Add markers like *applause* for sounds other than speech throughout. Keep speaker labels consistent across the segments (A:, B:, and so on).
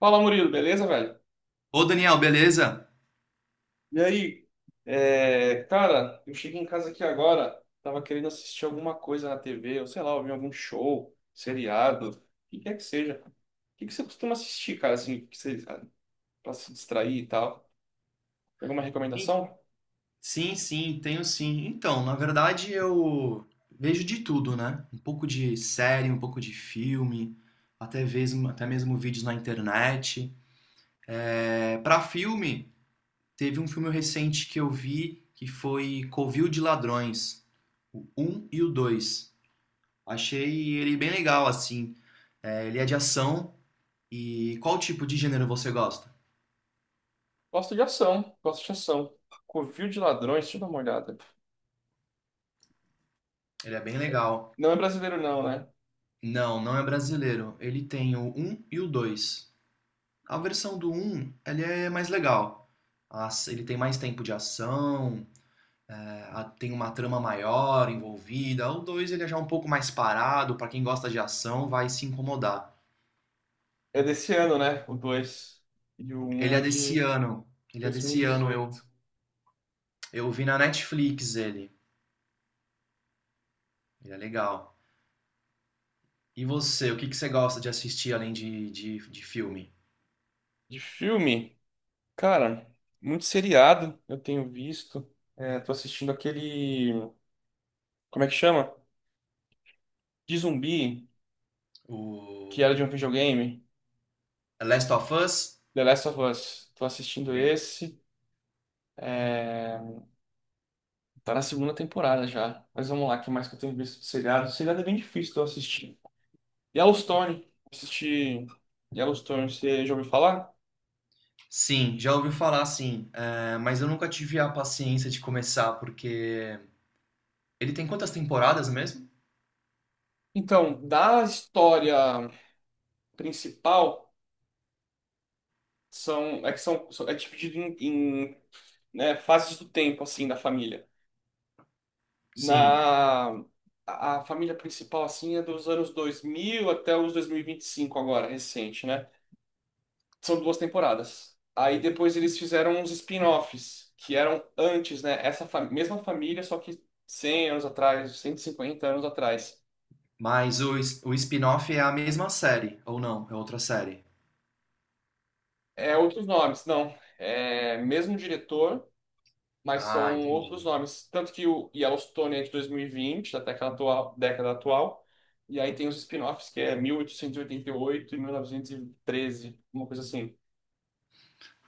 A: Fala, Murilo, beleza, velho?
B: Ô Daniel, beleza?
A: E aí, cara, eu cheguei em casa aqui agora, tava querendo assistir alguma coisa na TV, ou sei lá, ouvir algum show, seriado, o que quer que seja. O que que você costuma assistir, cara, assim, pra se distrair e tal? Tem alguma
B: Sim,
A: recomendação?
B: sim, tenho sim. Então, na verdade eu vejo de tudo, né? Um pouco de série, um pouco de filme, até mesmo vídeos na internet. É, para filme, teve um filme recente que eu vi que foi Covil de Ladrões, o um e o 2. Achei ele bem legal, assim. É, ele é de ação. E qual tipo de gênero você gosta?
A: Gosto de ação, gosto de ação. Covil de Ladrões, deixa eu dar uma olhada.
B: Ele é bem legal.
A: Não é brasileiro, não, né?
B: Não, não é brasileiro. Ele tem o um e o 2. A versão do um, ele é mais legal. Ele tem mais tempo de ação, é, tem uma trama maior envolvida. O 2, ele é já um pouco mais parado, pra quem gosta de ação, vai se incomodar.
A: É desse ano, né? O dois. E o um
B: Ele é
A: é
B: desse
A: de
B: ano. Ele é
A: dois mil e
B: desse ano, eu
A: dezoito.
B: eu vi na Netflix ele. Ele é legal. E você, o que que você gosta de assistir além de filme?
A: De filme. Cara, muito seriado eu tenho visto. É, tô assistindo aquele. Como é que chama? De zumbi, que era de
B: O
A: um videogame.
B: Last of Us?
A: The Last of Us. Tô assistindo
B: Bem,
A: esse. Tá na segunda temporada já. Mas vamos lá, o que mais que eu tenho visto de seriado? Seriado é bem difícil de eu assistir. Yellowstone. Assisti Yellowstone, você já ouviu falar?
B: sim, já ouvi falar sim, mas eu nunca tive a paciência de começar, porque ele tem quantas temporadas mesmo?
A: Então, da história principal, é que são, é dividido em, né, fases do tempo, assim, da família.
B: Sim,
A: Na a família principal assim é dos anos 2000 até os dois mil e vinte e cinco agora, recente, né? São duas temporadas. Aí depois eles fizeram uns spin-offs que eram antes, né? Mesma família, só que 100 anos atrás, 150 anos atrás.
B: mas o spin-off é a mesma série, ou não? É outra série.
A: É outros nomes, não. É mesmo diretor, mas
B: Ah,
A: são
B: entendi.
A: outros nomes. Tanto que o Yellowstone é de 2020, da década atual, década atual. E aí tem os spin-offs, que é mil oitocentos e oitenta e oito, 1913, uma coisa assim.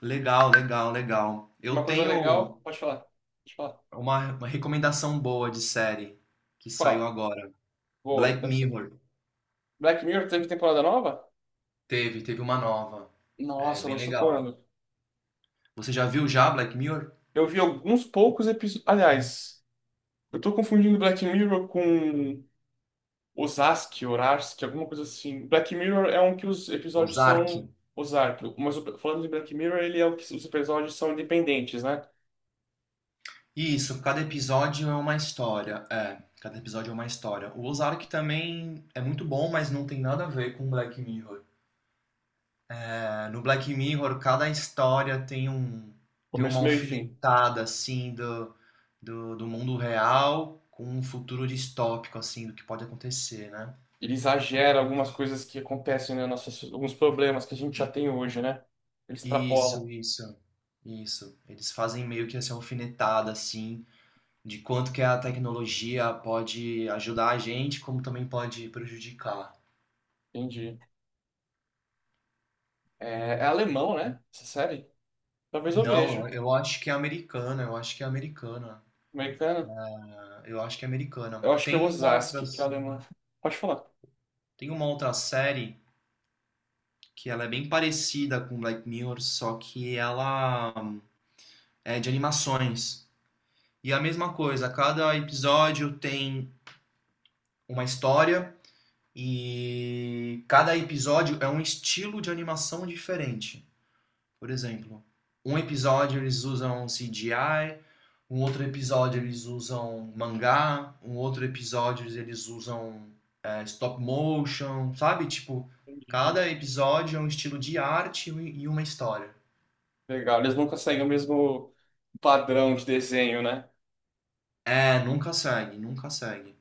B: Legal, legal, legal.
A: Uma
B: Eu
A: coisa
B: tenho
A: legal, pode falar. Pode falar.
B: uma recomendação boa de série que saiu
A: Qual?
B: agora.
A: Boa,
B: Black
A: quero saber.
B: Mirror.
A: Black Mirror teve temporada nova?
B: Teve, teve uma nova. É
A: Nossa,
B: bem
A: lançou
B: legal.
A: quando?
B: Você já viu já Black Mirror?
A: Eu vi alguns poucos episódios. Aliás, eu tô confundindo Black Mirror com Osaski, Orarsk, alguma coisa assim. Black Mirror é um que os episódios
B: Ozark.
A: são. Ozark, mas falando de Black Mirror, ele é o que os episódios são independentes, né?
B: Isso, cada episódio é uma história. É, cada episódio é uma história. O Ozark também é muito bom, mas não tem nada a ver com Black Mirror. É, no Black Mirror, cada história tem um tem
A: Começo,
B: uma
A: meio e fim.
B: alfinetada assim do mundo real com um futuro distópico assim do que pode acontecer, né?
A: Ele exagera algumas coisas que acontecem alguns problemas que a gente já tem hoje, né? Ele extrapola.
B: Isso, isso, isso. Eles fazem meio que essa alfinetada assim de quanto que a tecnologia pode ajudar a gente, como também pode prejudicar.
A: Entendi. É, é alemão, né? Essa série? Talvez eu
B: Não,
A: veja.
B: eu acho que é americana.
A: Americana?
B: Ah, eu acho que é americana.
A: Eu acho que é Osaski, que é alemã. Pode falar.
B: Tem uma outra série que ela é bem parecida com Black Mirror, só que ela é de animações. E é a mesma coisa, cada episódio tem uma história e cada episódio é um estilo de animação diferente. Por exemplo, um episódio eles usam CGI, um outro episódio eles usam mangá, um outro episódio eles usam stop motion, sabe? Tipo,
A: Entendi.
B: cada episódio é um estilo de arte e uma história.
A: Legal. Eles não conseguem o mesmo padrão de desenho, né?
B: É, nunca segue.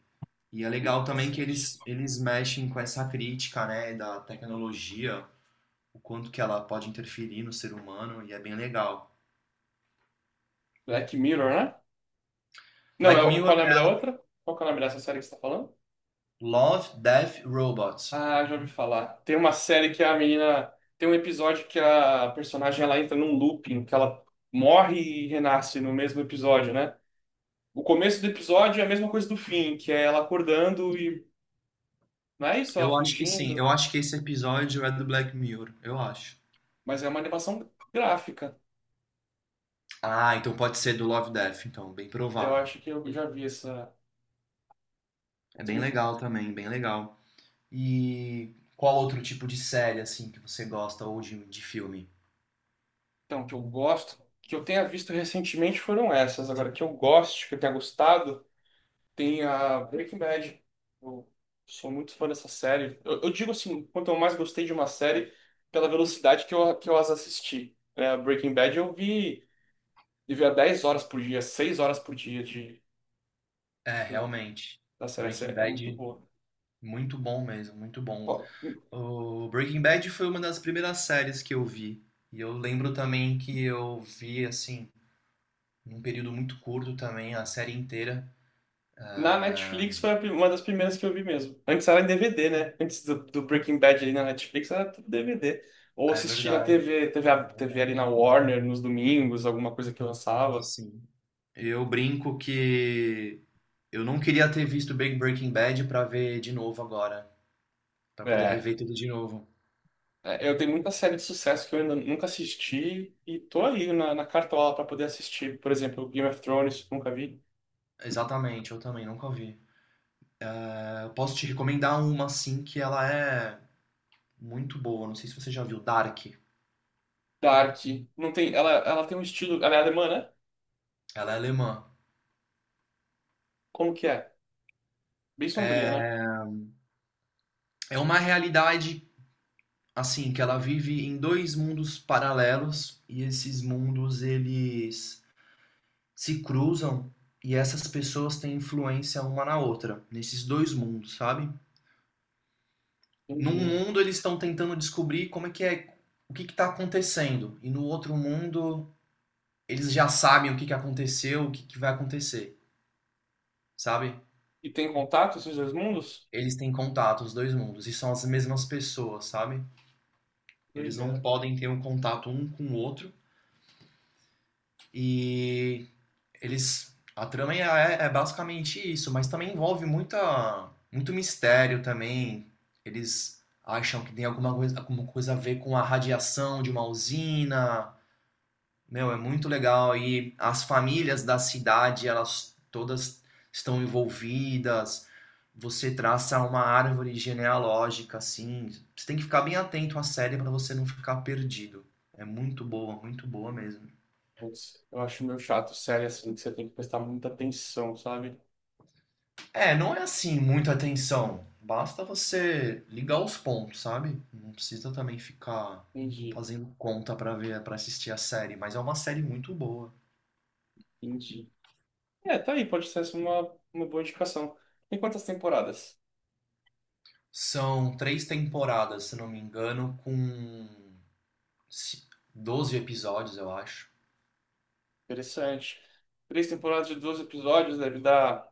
B: E é legal também que
A: Interessante.
B: eles mexem com essa crítica, né, da tecnologia, o quanto que ela pode interferir no ser humano, e é bem legal.
A: Black Mirror, né? Não,
B: Black Mirror
A: qual é o nome da
B: é
A: outra? Qual que é o nome dessa série que você tá falando?
B: Love, Death, Robots.
A: Ah, já ouvi falar. Tem uma série que a menina. Tem um episódio que a personagem ela entra num looping, que ela morre e renasce no mesmo episódio, né? O começo do episódio é a mesma coisa do fim, que é ela acordando e. Não é isso, ela
B: Eu acho que sim. Eu
A: fugindo.
B: acho que esse episódio é do Black Mirror. Eu acho.
A: Mas é uma animação gráfica.
B: Ah, então pode ser do Love Death, então. Bem
A: Eu
B: provável.
A: acho que eu já vi essa.
B: É bem legal também, bem legal. E qual outro tipo de série, assim, que você gosta ou de filme?
A: Então, que eu gosto. Que eu tenha visto recentemente foram essas. Agora, que eu gosto, que eu tenha gostado. Tem a Breaking Bad. Eu sou muito fã dessa série. Eu digo assim, quanto eu mais gostei de uma série, pela velocidade que eu as assisti. É, Breaking Bad eu vi, eu via 10 horas por dia, 6 horas por dia
B: É,
A: do-
B: realmente.
A: da série. Essa
B: Breaking
A: é, muito
B: Bad,
A: boa.
B: muito bom.
A: Ó,
B: O Breaking Bad foi uma das primeiras séries que eu vi. E eu lembro também que eu vi, assim, num período muito curto também, a série inteira.
A: na
B: Ah,
A: Netflix foi a uma das primeiras que eu vi mesmo. Antes era em DVD, né? Antes do Breaking Bad ali na Netflix era tudo DVD. Ou
B: é
A: assisti na
B: verdade,
A: TV,
B: é
A: TV ali na
B: verdade.
A: Warner, nos domingos, alguma coisa que lançava.
B: Sim. Eu brinco que eu não queria ter visto Big Breaking Bad pra ver de novo agora, pra poder
A: é
B: rever tudo de novo.
A: É, eu tenho muita série de sucesso que eu ainda nunca assisti e tô ali na cartola para poder assistir. Por exemplo, Game of Thrones, nunca vi.
B: Exatamente, eu também nunca vi. Eu posso te recomendar uma assim que ela é muito boa, não sei se você já viu, Dark.
A: Dark, não tem, ela tem um estilo, ela é alemã, né?
B: Ela é alemã.
A: Como que é? Bem sombria, né?
B: É, é uma realidade assim que ela vive em dois mundos paralelos e esses mundos eles se cruzam e essas pessoas têm influência uma na outra nesses dois mundos, sabe? Num
A: Entendi.
B: mundo eles estão tentando descobrir como é que é, o que está acontecendo. E no outro mundo eles já sabem o que que aconteceu, o que que vai acontecer, sabe?
A: E tem contato esses dois mundos?
B: Eles têm contato, os dois mundos, e são as mesmas pessoas, sabe? Eles não
A: Doideira.
B: podem ter um contato um com o outro. E eles. A trama é basicamente isso, mas também envolve muito mistério também. Eles acham que tem alguma coisa a ver com a radiação de uma usina. Meu, é muito legal, e as famílias da cidade, elas todas estão envolvidas. Você traça uma árvore genealógica assim. Você tem que ficar bem atento à série para você não ficar perdido. Muito boa mesmo.
A: Putz, eu acho meio chato, série assim, que você tem que prestar muita atenção, sabe?
B: É, não é assim muita atenção. Basta você ligar os pontos, sabe? Não precisa também ficar
A: Entendi,
B: fazendo conta para ver, para assistir a série, mas é uma série muito boa.
A: entendi. É, tá aí, pode ser essa uma boa indicação. Tem quantas temporadas?
B: São três temporadas, se não me engano, com 12 episódios, eu acho.
A: Interessante. Três temporadas de 12 episódios deve dar.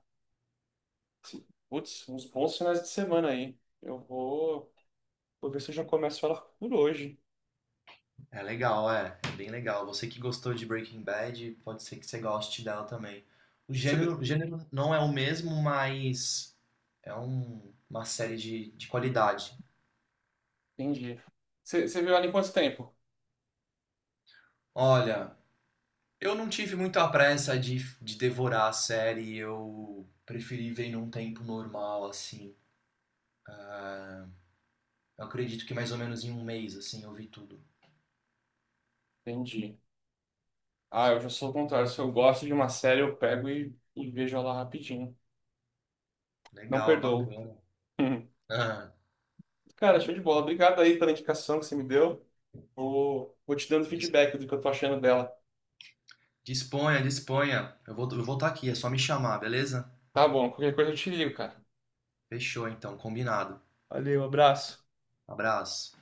A: Putz, uns bons finais de semana aí. Vou ver se eu já começo ela por hoje.
B: É legal, é. É bem legal. Você que gostou de Breaking Bad, pode ser que você goste dela também.
A: Você...
B: O gênero não é o mesmo, mas uma série de qualidade.
A: Entendi. Você viu ela em quanto tempo?
B: Olha, eu não tive muita pressa de devorar a série. Eu preferi ver num tempo normal, assim. Eu acredito que mais ou menos em um mês, assim, eu vi tudo.
A: Entendi. Ah, eu já sou o contrário. Se eu gosto de uma série, eu pego e vejo ela rapidinho. Não
B: Legal,
A: perdoo. *laughs*
B: bacana.
A: Hum.
B: Ah,
A: Cara, show de bola. Obrigado aí pela indicação que você me deu. Vou te dando
B: dis-
A: feedback do que eu tô achando dela.
B: disponha. Eu vou estar aqui, é só me chamar, beleza?
A: Tá bom, qualquer coisa eu te ligo, cara.
B: Fechou, então, combinado.
A: Valeu, abraço.
B: Abraço.